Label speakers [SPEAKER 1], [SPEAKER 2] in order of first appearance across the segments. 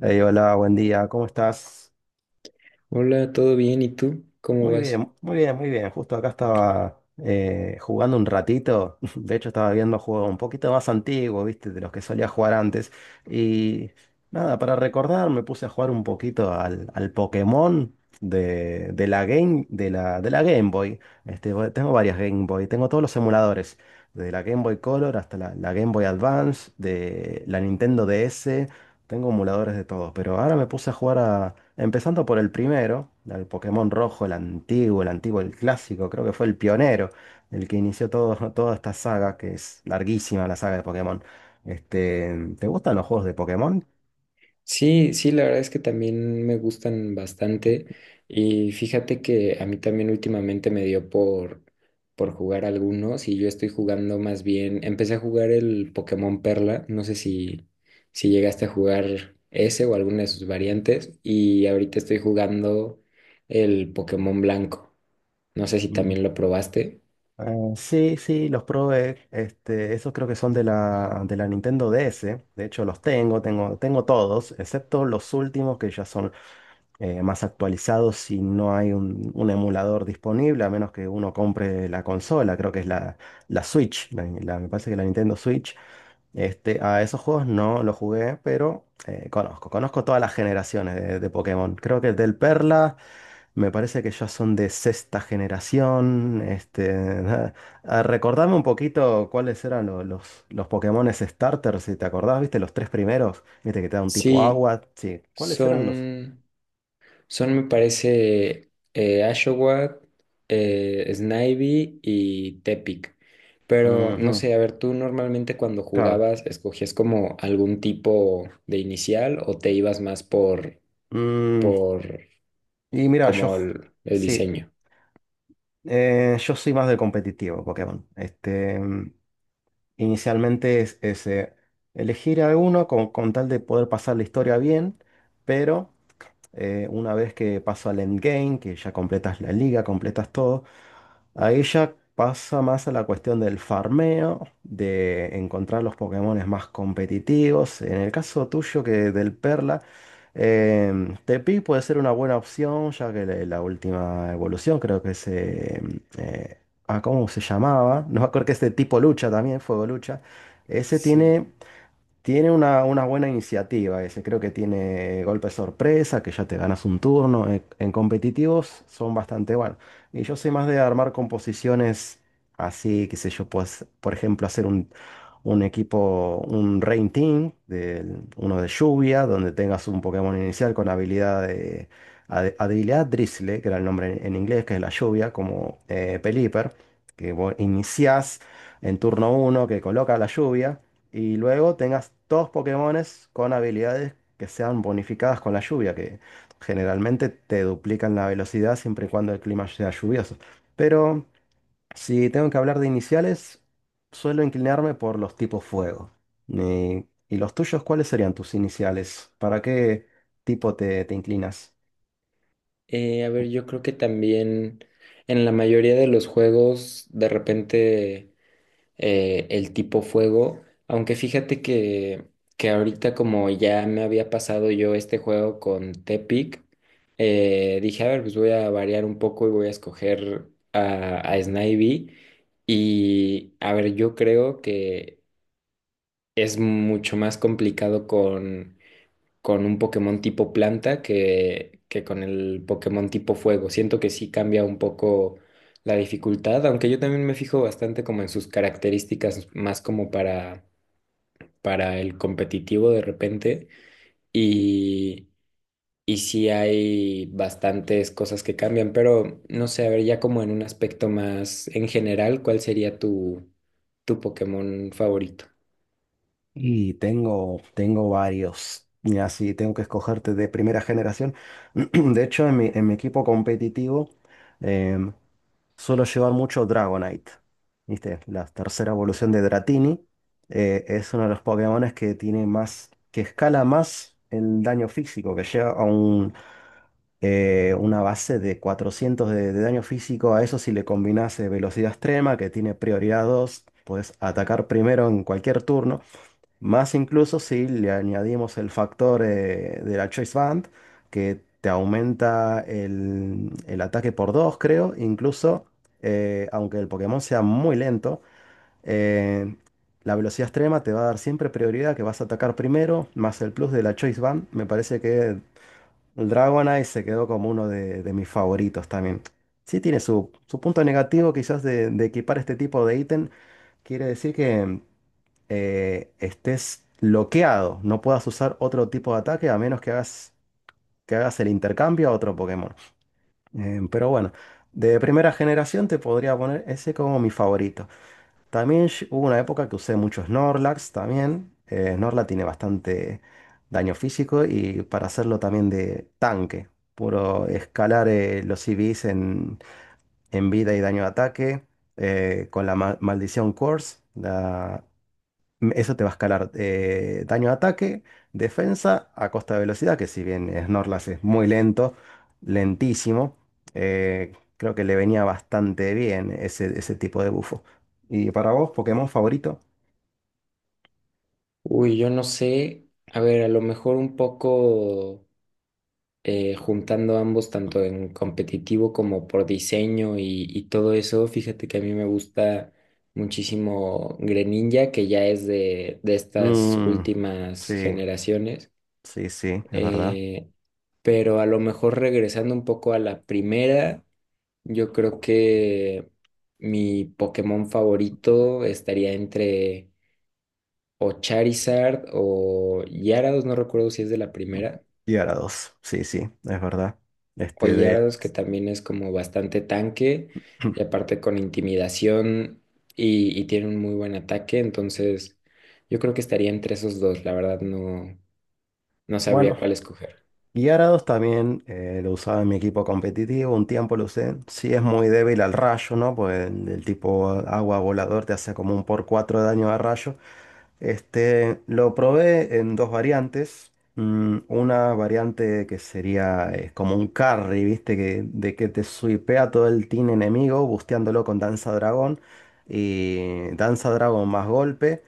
[SPEAKER 1] Ey, hola, buen día, ¿cómo estás?
[SPEAKER 2] Hola, ¿todo bien? ¿Y tú? ¿Cómo
[SPEAKER 1] Muy
[SPEAKER 2] vas?
[SPEAKER 1] bien, muy bien, muy bien. Justo acá estaba jugando un ratito. De hecho, estaba viendo juegos un poquito más antiguos, ¿viste? De los que solía jugar antes. Y nada, para recordar, me puse a jugar un poquito al Pokémon de la Game Boy. Este, bueno, tengo varias Game Boy, tengo todos los emuladores, de la Game Boy Color hasta la Game Boy Advance, de la Nintendo DS. Tengo emuladores de todo, pero ahora me puse a jugar a... Empezando por el primero, el Pokémon rojo, el antiguo, el antiguo, el clásico, creo que fue el pionero, el que inició todo, toda esta saga, que es larguísima la saga de Pokémon. Este, ¿te gustan los juegos de Pokémon?
[SPEAKER 2] Sí, sí, la verdad es que también me gustan bastante y fíjate que a mí también últimamente me dio por jugar algunos y yo estoy jugando más bien, empecé a jugar el Pokémon Perla, no sé si llegaste a jugar ese o alguna de sus variantes, y ahorita estoy jugando el Pokémon Blanco, no sé si
[SPEAKER 1] Mm.
[SPEAKER 2] también lo probaste.
[SPEAKER 1] Sí, sí, los probé. Este, esos creo que son de la Nintendo DS. De hecho, los tengo, todos, excepto los últimos que ya son más actualizado si no hay un emulador disponible, a menos que uno compre la consola, creo que es la Switch, me parece que la Nintendo Switch. Este, a esos juegos no los jugué, pero conozco todas las generaciones de Pokémon. Creo que del Perla me parece que ya son de sexta generación. Este, ah, recordame un poquito cuáles eran los Pokémones starters si te acordás, viste, los tres primeros, viste que te da un tipo
[SPEAKER 2] Sí,
[SPEAKER 1] agua, sí, ¿cuáles eran los?
[SPEAKER 2] son... Son, me parece, Ashowat, Snivy y Tepic. Pero no
[SPEAKER 1] Ujú.
[SPEAKER 2] sé, a ver, tú normalmente cuando
[SPEAKER 1] Claro.
[SPEAKER 2] jugabas, ¿escogías como algún tipo de inicial o te ibas más
[SPEAKER 1] Mm,
[SPEAKER 2] por
[SPEAKER 1] y mira,
[SPEAKER 2] como
[SPEAKER 1] yo,
[SPEAKER 2] el
[SPEAKER 1] sí,
[SPEAKER 2] diseño?
[SPEAKER 1] yo soy más de competitivo Pokémon. Este, mm, inicialmente es elegir a uno con tal de poder pasar la historia bien, pero una vez que paso al endgame, que ya completas la liga, completas todo, ahí ya pasa más a la cuestión del farmeo, de encontrar los Pokémones más competitivos. En el caso tuyo que del Perla, Tepi puede ser una buena opción, ya que la última evolución creo que ¿cómo se llamaba? No me acuerdo que es de tipo lucha también, fuego lucha. Ese
[SPEAKER 2] Sí.
[SPEAKER 1] tiene una buena iniciativa ese, creo que tiene golpe sorpresa, que ya te ganas un turno. En competitivos son bastante buenos. Y yo soy más de armar composiciones así, qué sé yo, pues, por ejemplo, hacer un equipo, un Rain Team, uno de lluvia, donde tengas un Pokémon inicial con habilidad habilidad Drizzle, que era el nombre inglés, que es la lluvia, como Pelipper, que vos iniciás en turno uno que coloca la lluvia. Y luego tengas dos Pokémones con habilidades que sean bonificadas con la lluvia, que generalmente te duplican la velocidad siempre y cuando el clima sea lluvioso. Pero si tengo que hablar de iniciales, suelo inclinarme por los tipos fuego. ¿Y los tuyos, cuáles serían tus iniciales? ¿Para qué tipo te inclinas?
[SPEAKER 2] A ver, yo creo que también en la mayoría de los juegos, de repente, el tipo fuego, aunque fíjate que ahorita, como ya me había pasado yo este juego con Tepic, dije, a ver, pues voy a variar un poco y voy a escoger a Snivy. Y a ver, yo creo que es mucho más complicado con un Pokémon tipo planta que con el Pokémon tipo fuego. Siento que sí cambia un poco la dificultad, aunque yo también me fijo bastante como en sus características, más como para el competitivo de repente. Y, y sí hay bastantes cosas que cambian, pero no sé, a ver, ya como en un aspecto más en general, ¿cuál sería tu, tu Pokémon favorito?
[SPEAKER 1] Y tengo, tengo varios. Y así tengo que escogerte de primera generación. De hecho, en mi equipo competitivo, suelo llevar mucho Dragonite. ¿Viste? La tercera evolución de Dratini. Es uno de los Pokémones que tiene más, que escala más el daño físico, que llega a una base de 400 de daño físico. A eso si le combinase velocidad extrema, que tiene prioridad 2, puedes atacar primero en cualquier turno. Más incluso si le añadimos el factor de la Choice Band, que te aumenta el ataque por 2 creo. Incluso, aunque el Pokémon sea muy lento, eh, la velocidad extrema te va a dar siempre prioridad, que vas a atacar primero, más el plus de la Choice Band. Me parece que el Dragonite se quedó como uno de mis favoritos también. Sí tiene su punto negativo quizás de equipar este tipo de ítem. Quiere decir que estés bloqueado. No puedas usar otro tipo de ataque a menos que que hagas el intercambio a otro Pokémon. Pero bueno, de primera generación te podría poner ese como mi favorito. También hubo una época que usé mucho Snorlax también. Snorlax tiene bastante daño físico y para hacerlo también de tanque. Puro escalar los CVs en vida y daño de ataque. Con la maldición Curse, eso te va a escalar daño a ataque, defensa a costa de velocidad, que si bien Snorlax es muy lento, lentísimo, creo que le venía bastante bien ese tipo de bufo. ¿Y para vos, Pokémon favorito?
[SPEAKER 2] Uy, yo no sé. A ver, a lo mejor un poco juntando ambos, tanto en competitivo como por diseño, y todo eso. Fíjate que a mí me gusta muchísimo Greninja, que ya es de estas
[SPEAKER 1] Mm,
[SPEAKER 2] últimas
[SPEAKER 1] sí,
[SPEAKER 2] generaciones.
[SPEAKER 1] sí, sí, es verdad.
[SPEAKER 2] Eh, pero a lo mejor regresando un poco a la primera, yo creo que mi Pokémon favorito estaría entre o Charizard o Gyarados, no recuerdo si es de la primera.
[SPEAKER 1] Y ahora dos, sí, sí, es verdad. Este de...
[SPEAKER 2] Hoyardos, que también es como bastante tanque y aparte con intimidación y tiene un muy buen ataque, entonces yo creo que estaría entre esos dos, la verdad no, no sabría
[SPEAKER 1] Bueno.
[SPEAKER 2] cuál escoger.
[SPEAKER 1] Y Arados también lo usaba en mi equipo competitivo, un tiempo lo usé. Sí es muy débil al rayo, ¿no? Pues el tipo agua volador te hace como un por 4 de daño a rayo. Este, lo probé en dos variantes. Una variante que sería como un carry, ¿viste? Que, de que te suipea todo el team enemigo, busteándolo con Danza Dragón. Y Danza Dragón más golpe.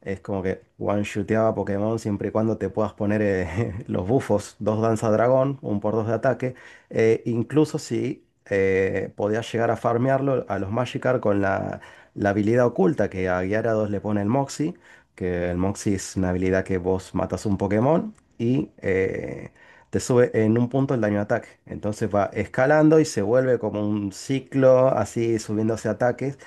[SPEAKER 1] Es como que one shooteaba Pokémon siempre y cuando te puedas poner los bufos, dos danza dragón, un por dos de ataque. Incluso si podías llegar a farmearlo a los Magikarp con la habilidad oculta que a Gyarados le pone el Moxie, que el Moxie es una habilidad que vos matas un Pokémon y te sube en un punto el daño de ataque. Entonces va escalando y se vuelve como un ciclo así subiéndose ataques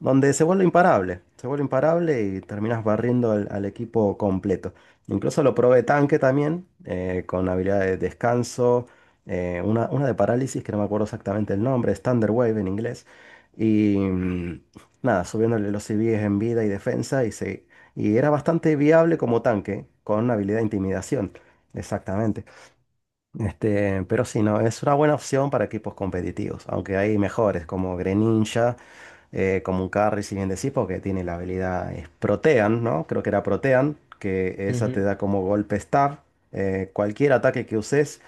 [SPEAKER 1] donde se vuelve imparable y terminas barriendo al equipo completo. Incluso lo probé tanque también, con habilidad de descanso, una de parálisis que no me acuerdo exactamente el nombre, es Thunder Wave en inglés. Y nada, subiéndole los CVs en vida y defensa y era bastante viable como tanque, con habilidad de intimidación, exactamente. Este, pero sí, no, es una buena opción para equipos competitivos, aunque hay mejores como Greninja como un carry, si bien decís, porque tiene la habilidad es Protean, ¿no? Creo que era Protean, que esa te
[SPEAKER 2] Ujú.
[SPEAKER 1] da como golpe Star. Cualquier ataque que uses,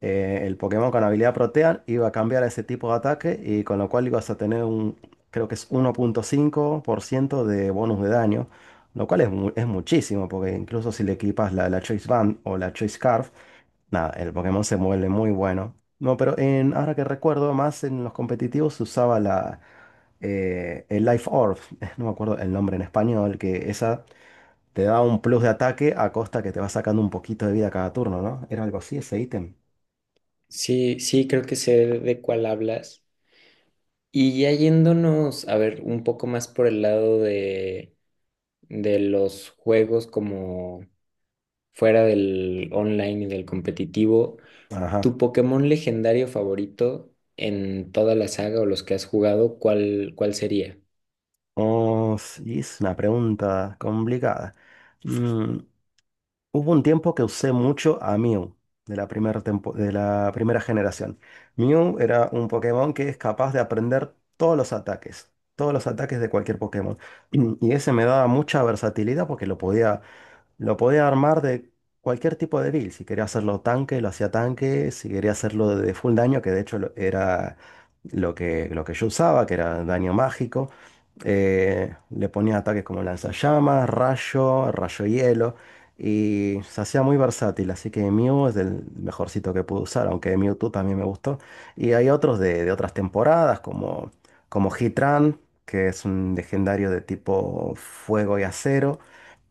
[SPEAKER 1] el Pokémon con habilidad Protean iba a cambiar a ese tipo de ataque y con lo cual ibas a tener creo que es 1,5% de bonus de daño, lo cual es muchísimo, porque incluso si le equipas la Choice Band o la Choice Scarf, nada, el Pokémon se mueve muy bueno. No, pero ahora que recuerdo, más en los competitivos se usaba la, el Life Orb, no me acuerdo el nombre en español, que esa te da un plus de ataque a costa que te va sacando un poquito de vida cada turno, ¿no? Era algo así ese ítem.
[SPEAKER 2] Sí, sí, creo que sé de cuál hablas. Y ya yéndonos, a ver, un poco más por el lado de los juegos como fuera del online y del competitivo.
[SPEAKER 1] Ajá.
[SPEAKER 2] ¿Tu Pokémon legendario favorito en toda la saga o los que has jugado, cuál, cuál sería?
[SPEAKER 1] Oh, sí, es una pregunta complicada. Mm, Hubo un tiempo que usé mucho a Mew de la primera generación. Mew era un Pokémon que es capaz de aprender todos los ataques de cualquier Pokémon. Y ese me daba mucha versatilidad porque lo podía armar de cualquier tipo de build. Si quería hacerlo tanque, lo hacía tanque. Si quería hacerlo de full daño, que de hecho era lo que yo usaba, que era daño mágico. Le ponía ataques como lanzallamas, rayo, rayo hielo. Y se hacía muy versátil. Así que Mew es el mejorcito que pude usar, aunque Mewtwo también me gustó. Y hay otros de otras temporadas, como Heatran, que es un legendario de tipo fuego y acero.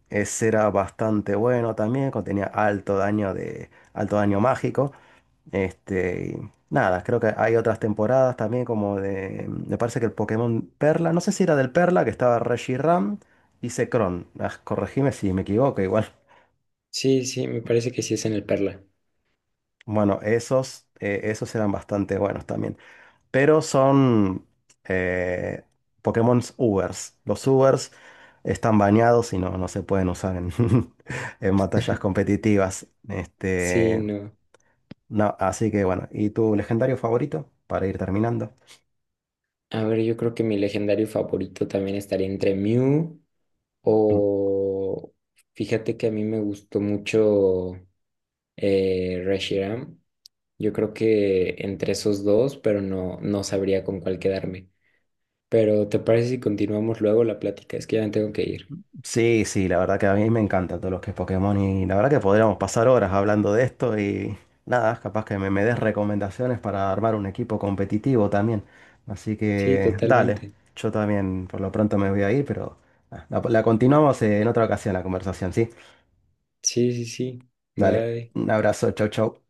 [SPEAKER 1] Ese era bastante bueno también, contenía alto daño de alto daño mágico. Este, y nada, creo que hay otras temporadas también como de me parece que el Pokémon Perla, no sé si era del Perla que estaba Reshiram y Zekrom. Ah, corregime si me equivoco, igual.
[SPEAKER 2] Sí, sí, me parece que sí es en el Perla.
[SPEAKER 1] Bueno, esos eran bastante buenos también. Pero son eh, Pokémon Ubers. Los Ubers están bañados y no, no se pueden usar en, en batallas competitivas.
[SPEAKER 2] Sí,
[SPEAKER 1] Este,
[SPEAKER 2] no.
[SPEAKER 1] no, así que bueno, ¿y tu legendario favorito? Para ir terminando.
[SPEAKER 2] A ver, yo creo que mi legendario favorito también estaría entre Mew o... Fíjate que a mí me gustó mucho Reshiram. Yo creo que entre esos dos, pero no, no sabría con cuál quedarme. Pero ¿te parece si continuamos luego la plática? Es que ya me tengo que ir.
[SPEAKER 1] Sí, sí, la verdad que a mí me encanta todo lo que es Pokémon y la verdad que podríamos pasar horas hablando de esto y nada, capaz que me des recomendaciones para armar un equipo competitivo también. Así
[SPEAKER 2] Sí,
[SPEAKER 1] que dale,
[SPEAKER 2] totalmente.
[SPEAKER 1] yo también por lo pronto me voy a ir, pero la continuamos en otra ocasión la conversación, ¿sí?
[SPEAKER 2] Sí, sí, sí.
[SPEAKER 1] Dale,
[SPEAKER 2] Bye.
[SPEAKER 1] un abrazo, chau, chau.